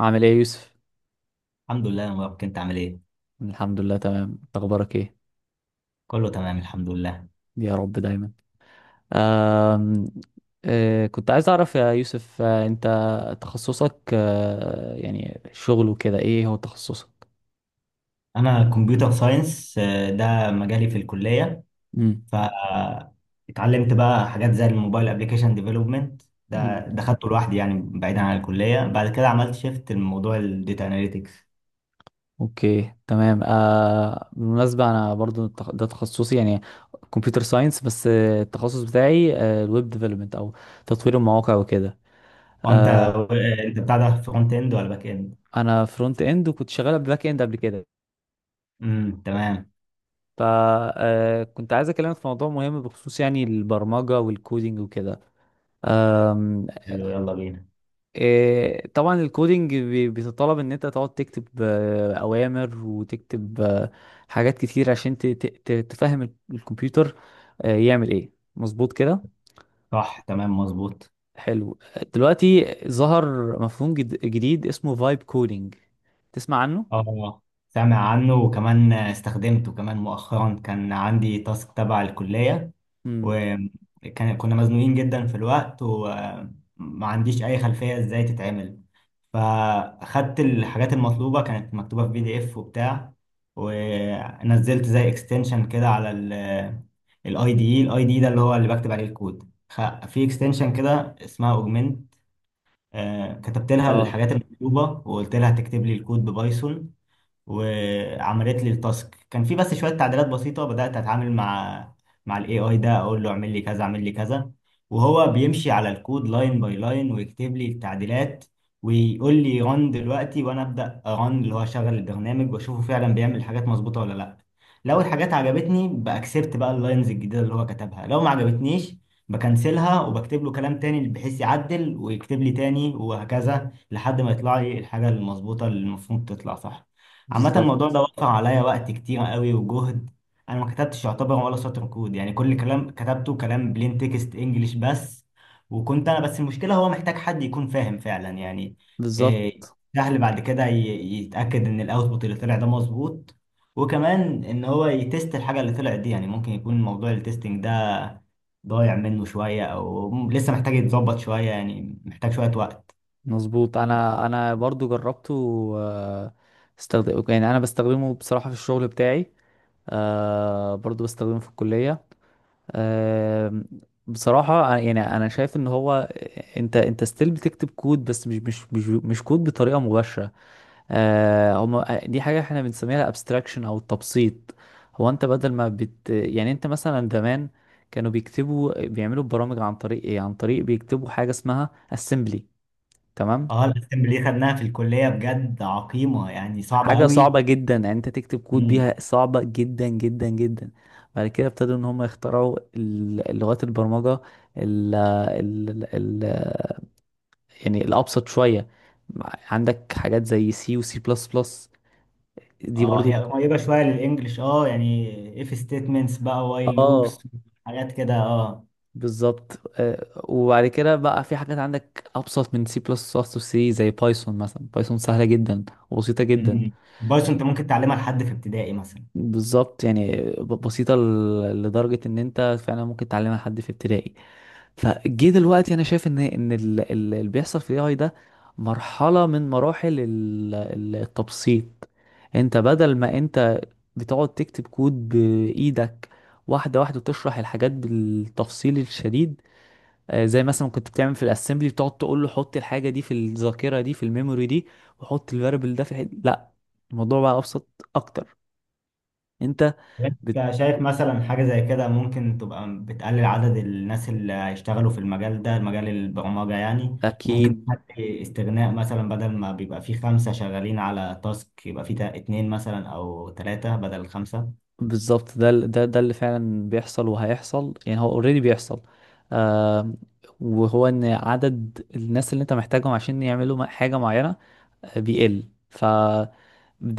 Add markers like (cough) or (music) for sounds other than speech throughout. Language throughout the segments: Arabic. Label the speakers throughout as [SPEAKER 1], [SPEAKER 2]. [SPEAKER 1] عامل ايه يا يوسف؟
[SPEAKER 2] الحمد لله يا مبارك، انت عامل ايه؟
[SPEAKER 1] الحمد لله تمام، إنت اخبارك ايه؟
[SPEAKER 2] كله تمام الحمد لله.
[SPEAKER 1] يا رب دايما. آم... كنت عايز اعرف يا يوسف، انت تخصصك، يعني شغل وكده، ايه هو تخصصك؟
[SPEAKER 2] انا كمبيوتر ساينس، ده مجالي في الكلية.
[SPEAKER 1] امم.
[SPEAKER 2] ف اتعلمت بقى حاجات زي الموبايل ابلكيشن ديفلوبمنت. ده
[SPEAKER 1] امم.
[SPEAKER 2] ده خدته لوحدي، يعني بعيدا عن الكلية، بعد كده عملت شيفت لموضوع الداتا اناليتكس.
[SPEAKER 1] اوكي، تمام. بالمناسبة انا برضو ده تخصصي، يعني كمبيوتر ساينس، بس التخصص بتاعي الويب ديفلوبمنت او تطوير المواقع وكده.
[SPEAKER 2] وانت
[SPEAKER 1] آه...
[SPEAKER 2] انت بتاع ده فرونت اند ولا باك اند؟
[SPEAKER 1] انا فرونت اند، وكنت شغال باك اند قبل كده.
[SPEAKER 2] تمام.
[SPEAKER 1] فكنت عايز اكلمك في موضوع مهم بخصوص يعني البرمجة والكودينج وكده. أم،
[SPEAKER 2] حلو، يلا بينا.
[SPEAKER 1] إيه، طبعا الكودينج بيتطلب ان انت تقعد تكتب اوامر، وتكتب حاجات كتير عشان تفهم الكمبيوتر يعمل ايه مظبوط كده.
[SPEAKER 2] صح تمام مظبوط.
[SPEAKER 1] حلو. دلوقتي ظهر مفهوم جديد اسمه فايب كودينج، تسمع عنه؟
[SPEAKER 2] اه، سامع عنه وكمان استخدمته كمان مؤخرا. كان عندي تاسك تبع الكلية،
[SPEAKER 1] امم.
[SPEAKER 2] وكان كنا مزنوقين جدا في الوقت، وما عنديش اي خلفية ازاي تتعمل. فاخدت الحاجات المطلوبة، كانت مكتوبة في بي دي اف وبتاع، ونزلت زي اكستنشن كده على الاي دي ده، اللي هو اللي بكتب عليه الكود. في اكستنشن كده اسمها اوجمنت، كتبت لها
[SPEAKER 1] اه.
[SPEAKER 2] الحاجات المطلوبة وقلت لها تكتب لي الكود ببايثون، وعملت لي التاسك. كان في بس شوية تعديلات بسيطة. بدأت أتعامل مع الاي اي ده، اقول له اعمل لي كذا اعمل لي كذا، وهو بيمشي على الكود لاين باي لاين ويكتب لي التعديلات، ويقول لي ران دلوقتي، وانا ابدا ران، اللي هو اشغل البرنامج واشوفه فعلا بيعمل الحاجات مظبوطه ولا لا. لو الحاجات عجبتني باكسبت بقى اللاينز الجديده اللي هو كتبها، لو ما عجبتنيش بكنسلها وبكتب له كلام تاني بحيث يعدل ويكتب لي تاني، وهكذا لحد ما يطلع لي الحاجه المظبوطه اللي المفروض تطلع صح. عامة، الموضوع
[SPEAKER 1] بالظبط.
[SPEAKER 2] ده وقع عليا وقت كتير قوي وجهد. انا ما كتبتش يعتبر ولا سطر كود، يعني كل كلام كتبته كلام بلين تكست انجلش بس، وكنت انا بس. المشكلة هو محتاج حد يكون فاهم فعلا، يعني
[SPEAKER 1] بالظبط
[SPEAKER 2] إيه، سهل بعد كده يتأكد ان الاوتبوت اللي طلع ده مظبوط، وكمان ان هو يتست الحاجة اللي طلعت دي. يعني ممكن يكون موضوع التستنج ده ضايع منه شوية، او لسه محتاج يتظبط شوية، يعني محتاج شوية وقت.
[SPEAKER 1] مظبوط. انا برضو جربته. آه، استخدم، يعني انا بستخدمه بصراحة في الشغل بتاعي، برضو بستخدمه في الكلية. آه، بصراحة يعني انا شايف ان هو انت ستيل بتكتب كود، بس مش كود بطريقة مباشرة. هما دي حاجة احنا بنسميها الابستراكشن او التبسيط. هو انت بدل ما يعني انت مثلا زمان كانوا بيكتبوا، بيعملوا برامج عن طريق ايه؟ عن طريق بيكتبوا حاجة اسمها assembly، تمام.
[SPEAKER 2] اه، الاسمبلي خدناها في الكلية، بجد عقيمة، يعني صعبة
[SPEAKER 1] حاجة
[SPEAKER 2] قوي.
[SPEAKER 1] صعبة جدا، يعني انت تكتب كود
[SPEAKER 2] مم.
[SPEAKER 1] بيها صعبة جدا جدا جدا. بعد كده ابتدوا ان هم يخترعوا لغات البرمجة، ال ال ال يعني الابسط شوية. عندك حاجات زي سي وسي بلس بلس، دي
[SPEAKER 2] اه، هي
[SPEAKER 1] برضو.
[SPEAKER 2] قريبة شوية للإنجليش. اه يعني if statements بقى while
[SPEAKER 1] اه.
[SPEAKER 2] loops، حاجات كده اه.
[SPEAKER 1] بالظبط. وبعد كده بقى في حاجات عندك ابسط من سي بلس بلس وسي، زي بايثون مثلا. بايثون سهلة جدا وبسيطة جدا.
[SPEAKER 2] مم. البايثون انت ممكن تعلمها لحد في ابتدائي مثلا.
[SPEAKER 1] بالظبط، يعني بسيطة لدرجة ان انت فعلا ممكن تعلمها حد في ابتدائي. فجه دلوقتي انا شايف ان اللي بيحصل في الاي ده مرحلة من مراحل التبسيط. انت بدل ما انت بتقعد تكتب كود بايدك، واحدة واحدة، وتشرح الحاجات بالتفصيل الشديد. زي مثلا كنت بتعمل في الاسمبلي، بتقعد تقول له حط الحاجة دي في الذاكرة دي، في الميموري دي، وحط الفاريبل ده في الحد. لا، الموضوع بقى ابسط اكتر. انت.
[SPEAKER 2] انت شايف مثلا حاجة زي كده ممكن تبقى بتقلل عدد الناس اللي هيشتغلوا في المجال ده، مجال البرمجة يعني؟ ممكن
[SPEAKER 1] اكيد.
[SPEAKER 2] تخلي استغناء، مثلا بدل ما بيبقى فيه خمسة شغالين على تاسك، يبقى فيه اتنين مثلا أو تلاتة بدل خمسة.
[SPEAKER 1] بالظبط، ده ده اللي فعلا بيحصل وهيحصل، يعني هو اوريدي بيحصل. آه. وهو ان عدد الناس اللي انت محتاجهم عشان يعملوا حاجة معينة بيقل، فده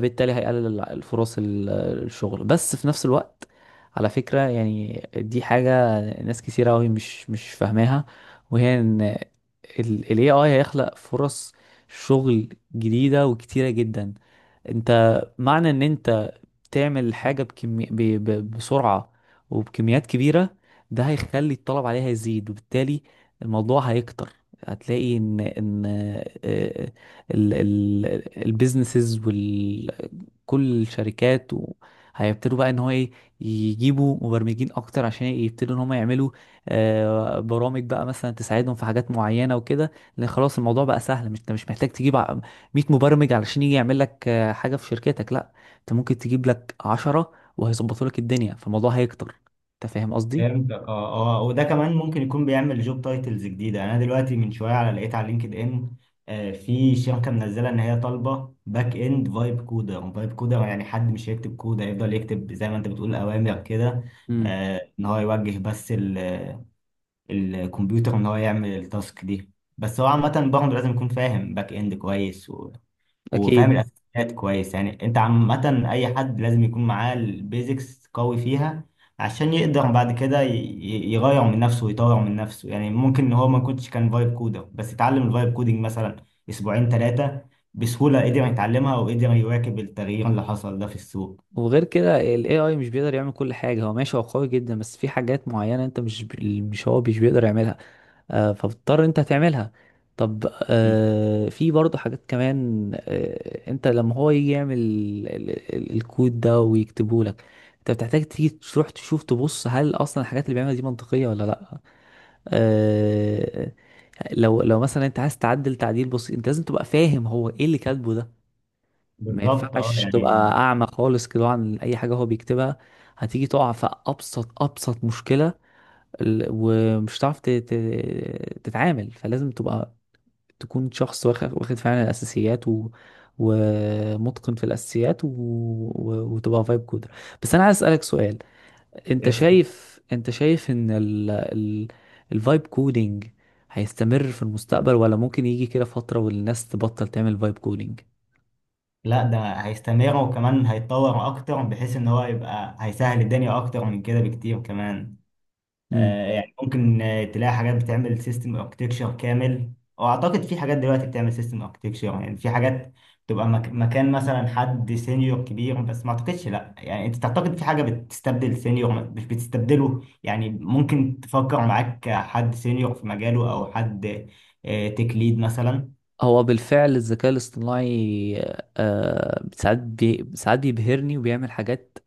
[SPEAKER 1] بالتالي هيقلل الفرص الشغل. بس في نفس الوقت، على فكرة، يعني دي حاجة ناس كتير قوي مش فاهماها، وهي ان ال ال AI هيخلق فرص شغل جديدة وكتيرة جدا. انت، معنى ان انت تعمل حاجة بسرعة وبكميات كبيرة، ده هيخلي الطلب عليها يزيد، وبالتالي الموضوع هيكتر. هتلاقي ان البيزنسز، كل الشركات، وهيبتدوا بقى ان هو ايه، يجيبوا مبرمجين اكتر عشان يبتدوا ان هم يعملوا برامج بقى مثلا تساعدهم في حاجات معينه وكده. لان خلاص الموضوع بقى سهل. مش انت مش محتاج تجيب 100 مبرمج علشان يجي يعمل لك حاجه في شركتك. لا، انت ممكن تجيب لك 10 وهيظبطوا لك الدنيا، فالموضوع هيكتر. انت فاهم قصدي؟
[SPEAKER 2] فهمت، اه اه. وده كمان ممكن يكون بيعمل جوب تايتلز جديده. يعني انا دلوقتي من شويه لقيت على لينكد ان في شركه منزله ان هي طالبه باك اند فايب كودر. فايب كودر يعني حد مش هيكتب كود، هيفضل يكتب زي ما انت بتقول اوامر كده،
[SPEAKER 1] امم.
[SPEAKER 2] ان هو يوجه بس الكمبيوتر ان هو يعمل التاسك دي. بس هو عامه برضه لازم يكون فاهم باك اند كويس، وفاهم
[SPEAKER 1] اكيد.
[SPEAKER 2] الاساسيات كويس. يعني انت عامه، اي حد لازم يكون معاه البيزكس قوي فيها عشان يقدر بعد كده يغير من نفسه ويطور من نفسه. يعني ممكن ان هو ما كنتش كان فايب كودر، بس اتعلم الفايب كودنج مثلا اسبوعين ثلاثه بسهوله، قدر يتعلمها وقدر يواكب التغيير اللي حصل ده في السوق.
[SPEAKER 1] وغير كده ال AI مش بيقدر يعمل كل حاجة. هو ماشي، هو قوي جدا، بس في حاجات معينة انت مش بيقدر يعملها فبتضطر انت تعملها. طب،
[SPEAKER 2] مم.
[SPEAKER 1] في برضه حاجات كمان. انت لما هو يجي يعمل الكود ده ويكتبه لك، انت بتحتاج تيجي تروح تشوف، تبص هل اصلا الحاجات اللي بيعملها دي منطقية ولا لا. آه، لو مثلا انت عايز تعدل تعديل بسيط، انت لازم تبقى فاهم هو ايه اللي كاتبه ده. ما
[SPEAKER 2] بالظبط اه،
[SPEAKER 1] ينفعش تبقى
[SPEAKER 2] يعني.
[SPEAKER 1] اعمى خالص كده عن اي حاجة هو بيكتبها. هتيجي تقع في ابسط مشكلة، ومش هتعرف تتعامل، فلازم تبقى تكون شخص واخد فعلا الاساسيات، ومتقن في الاساسيات، وتبقى فايب كودر. بس انا عايز اسالك سؤال،
[SPEAKER 2] اسأل.
[SPEAKER 1] انت شايف ان الفايب كودينج هيستمر في المستقبل، ولا ممكن يجي كده فترة والناس تبطل تعمل فايب كودينج؟
[SPEAKER 2] لا، ده هيستمر وكمان هيتطور اكتر، بحيث ان هو يبقى هيسهل الدنيا اكتر من كده بكتير كمان.
[SPEAKER 1] امم.
[SPEAKER 2] يعني ممكن تلاقي حاجات بتعمل سيستم اركتكشر كامل، او اعتقد في حاجات دلوقتي بتعمل سيستم اركتكشر. يعني في حاجات تبقى مكان مثلا حد سينيور كبير، بس ما اعتقدش. لا، يعني انت تعتقد في حاجة بتستبدل سينيور، مش بتستبدله. يعني ممكن تفكر معاك حد سينيور في مجاله، او حد تك ليد مثلا.
[SPEAKER 1] هو بالفعل الذكاء الاصطناعي آه، ساعات ساعات بيبهرني وبيعمل حاجات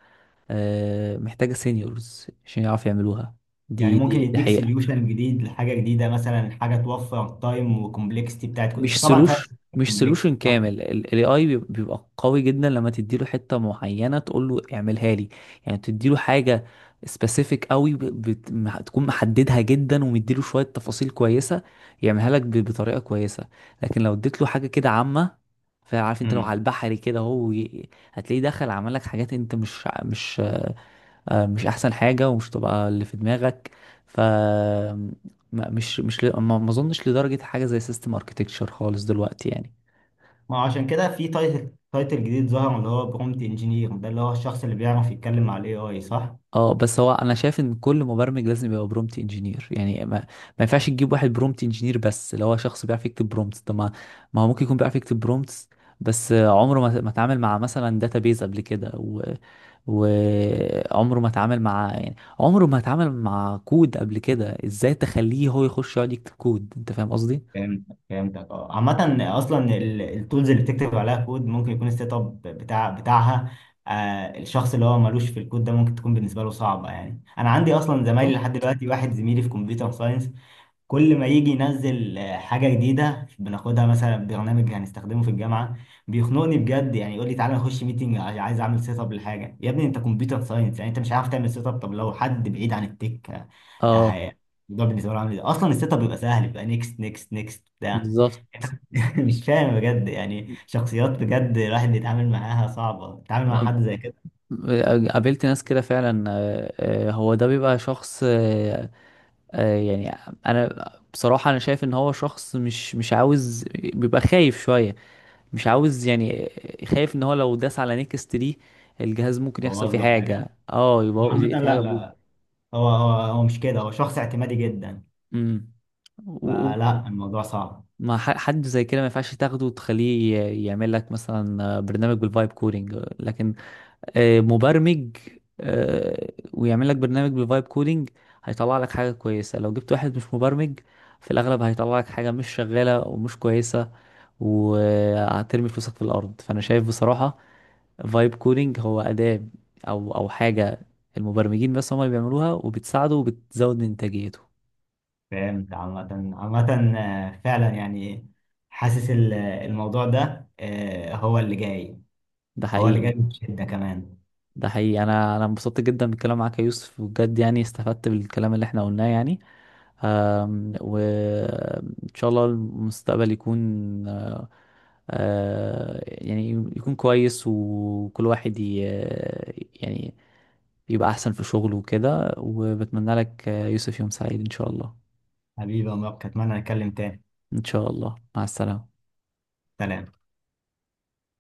[SPEAKER 1] آه محتاجة سينيورز عشان يعرف يعملوها.
[SPEAKER 2] يعني ممكن
[SPEAKER 1] دي
[SPEAKER 2] يديك
[SPEAKER 1] حقيقة.
[SPEAKER 2] سوليوشن جديد لحاجة جديدة، مثلا حاجة توفر تايم وكومبلكستي بتاعت،
[SPEAKER 1] مش
[SPEAKER 2] انت طبعا فاهم
[SPEAKER 1] سلوش، مش
[SPEAKER 2] كومبلكستي
[SPEAKER 1] سولوشن
[SPEAKER 2] صح؟
[SPEAKER 1] كامل. الاي اي بيبقى قوي جدا لما تديله حته معينه تقول له اعملها لي. يعني تديله حاجه سبيسيفيك قوي، تكون محددها جدا، ومديله شويه تفاصيل كويسه، يعملها لك بطريقه كويسه. لكن لو اديت له حاجه كده عامه، فعارف انت، لو على البحري كده، هو هتلاقيه دخل عمل لك حاجات انت مش مش مش احسن حاجه ومش تبقى اللي في دماغك. ف ما- مش مش ل- ما اظنش لدرجه حاجه زي سيستم اركتكتشر خالص دلوقتي يعني.
[SPEAKER 2] ما هو عشان كده في تايتل جديد ظهر اللي هو برومت انجينير، ده اللي هو الشخص اللي بيعرف يتكلم مع الاي اي صح؟
[SPEAKER 1] اه. بس هو انا شايف ان كل مبرمج لازم يبقى برومت انجينير، يعني ما ينفعش تجيب واحد برومت انجينير بس اللي هو شخص بيعرف يكتب برومت. طب، ما ما هو ممكن يكون بيعرف يكتب برومتس بس عمره ما اتعامل مع مثلا داتابيز قبل كده، وعمره ما اتعامل مع، يعني عمره ما اتعامل مع كود قبل كده. ازاي تخليه هو يخش يقعد يكتب كود؟ انت فاهم قصدي؟
[SPEAKER 2] فهمت فهمتك اه. عامة، اصلا التولز اللي بتكتب عليها كود ممكن يكون السيت اب بتاعها. الشخص اللي هو ملوش في الكود ده ممكن تكون بالنسبة له صعبة. يعني انا عندي اصلا زمايلي
[SPEAKER 1] بالظبط.
[SPEAKER 2] لحد دلوقتي، واحد زميلي في كمبيوتر ساينس كل ما يجي ينزل حاجة جديدة بناخدها، مثلا برنامج هنستخدمه في الجامعة، بيخنقني بجد. يعني يقول لي تعالى نخش ميتنج، عايز اعمل سيت اب لحاجة. يا ابني انت كمبيوتر ساينس، يعني انت مش عارف تعمل سيت اب؟ طب لو حد بعيد عن التك، آه،
[SPEAKER 1] اه.
[SPEAKER 2] هي- الموضوع بالنسبة له عامل ازاي؟ اصلا السيت اب بيبقى سهل، بيبقى نيكست نيكست نيكست بتاع.
[SPEAKER 1] بالظبط.
[SPEAKER 2] (laughs) مش فاهم بجد، يعني شخصيات بجد الواحد بيتعامل معاها صعبة، بيتعامل مع
[SPEAKER 1] آه،
[SPEAKER 2] حد زي كده
[SPEAKER 1] قابلت ناس كده فعلا. هو ده بيبقى شخص، يعني انا بصراحة انا شايف ان هو شخص مش عاوز، بيبقى خايف شوية، مش عاوز يعني. خايف ان هو لو داس على نيكست دي الجهاز ممكن يحصل
[SPEAKER 2] بوظ
[SPEAKER 1] فيه
[SPEAKER 2] له
[SPEAKER 1] حاجة،
[SPEAKER 2] حاجة.
[SPEAKER 1] اه، يبقى
[SPEAKER 2] عامة
[SPEAKER 1] في حاجة
[SPEAKER 2] لا
[SPEAKER 1] بوت.
[SPEAKER 2] لا، هو مش كده، هو شخص اعتمادي جدا،
[SPEAKER 1] امم. و- و-
[SPEAKER 2] فلا الموضوع صعب.
[SPEAKER 1] ما ح- حد زي كده ما ينفعش تاخده وتخليه يعمل لك مثلا برنامج بالفايب كودينج. لكن مبرمج آه، ويعمل لك برنامج بفايب كودينج، هيطلع لك حاجة كويسة. لو جبت واحد مش مبرمج، في الأغلب هيطلع لك حاجة مش شغالة ومش كويسة، وهترمي فلوسك في الأرض. فأنا شايف بصراحة فايب كودينج هو أداة، أو حاجة المبرمجين بس هم اللي بيعملوها وبتساعده وبتزود من إنتاجيته.
[SPEAKER 2] فهمت. عامة فعلا يعني حاسس الموضوع ده هو اللي جاي،
[SPEAKER 1] ده
[SPEAKER 2] هو اللي
[SPEAKER 1] حقيقي.
[SPEAKER 2] جاي بشدة كمان.
[SPEAKER 1] ده حقيقي. انا انبسطت جدا بالكلام معاك يا يوسف، بجد يعني استفدت بالكلام اللي احنا قلناه يعني. وان شاء الله المستقبل يكون يعني يكون كويس، وكل واحد يعني يبقى احسن في شغله وكده. وبتمنى لك يوسف يوم سعيد ان شاء الله.
[SPEAKER 2] حبيبي يا مبارك، أتمنى نتكلم تاني.
[SPEAKER 1] ان شاء الله، مع السلامة.
[SPEAKER 2] سلام.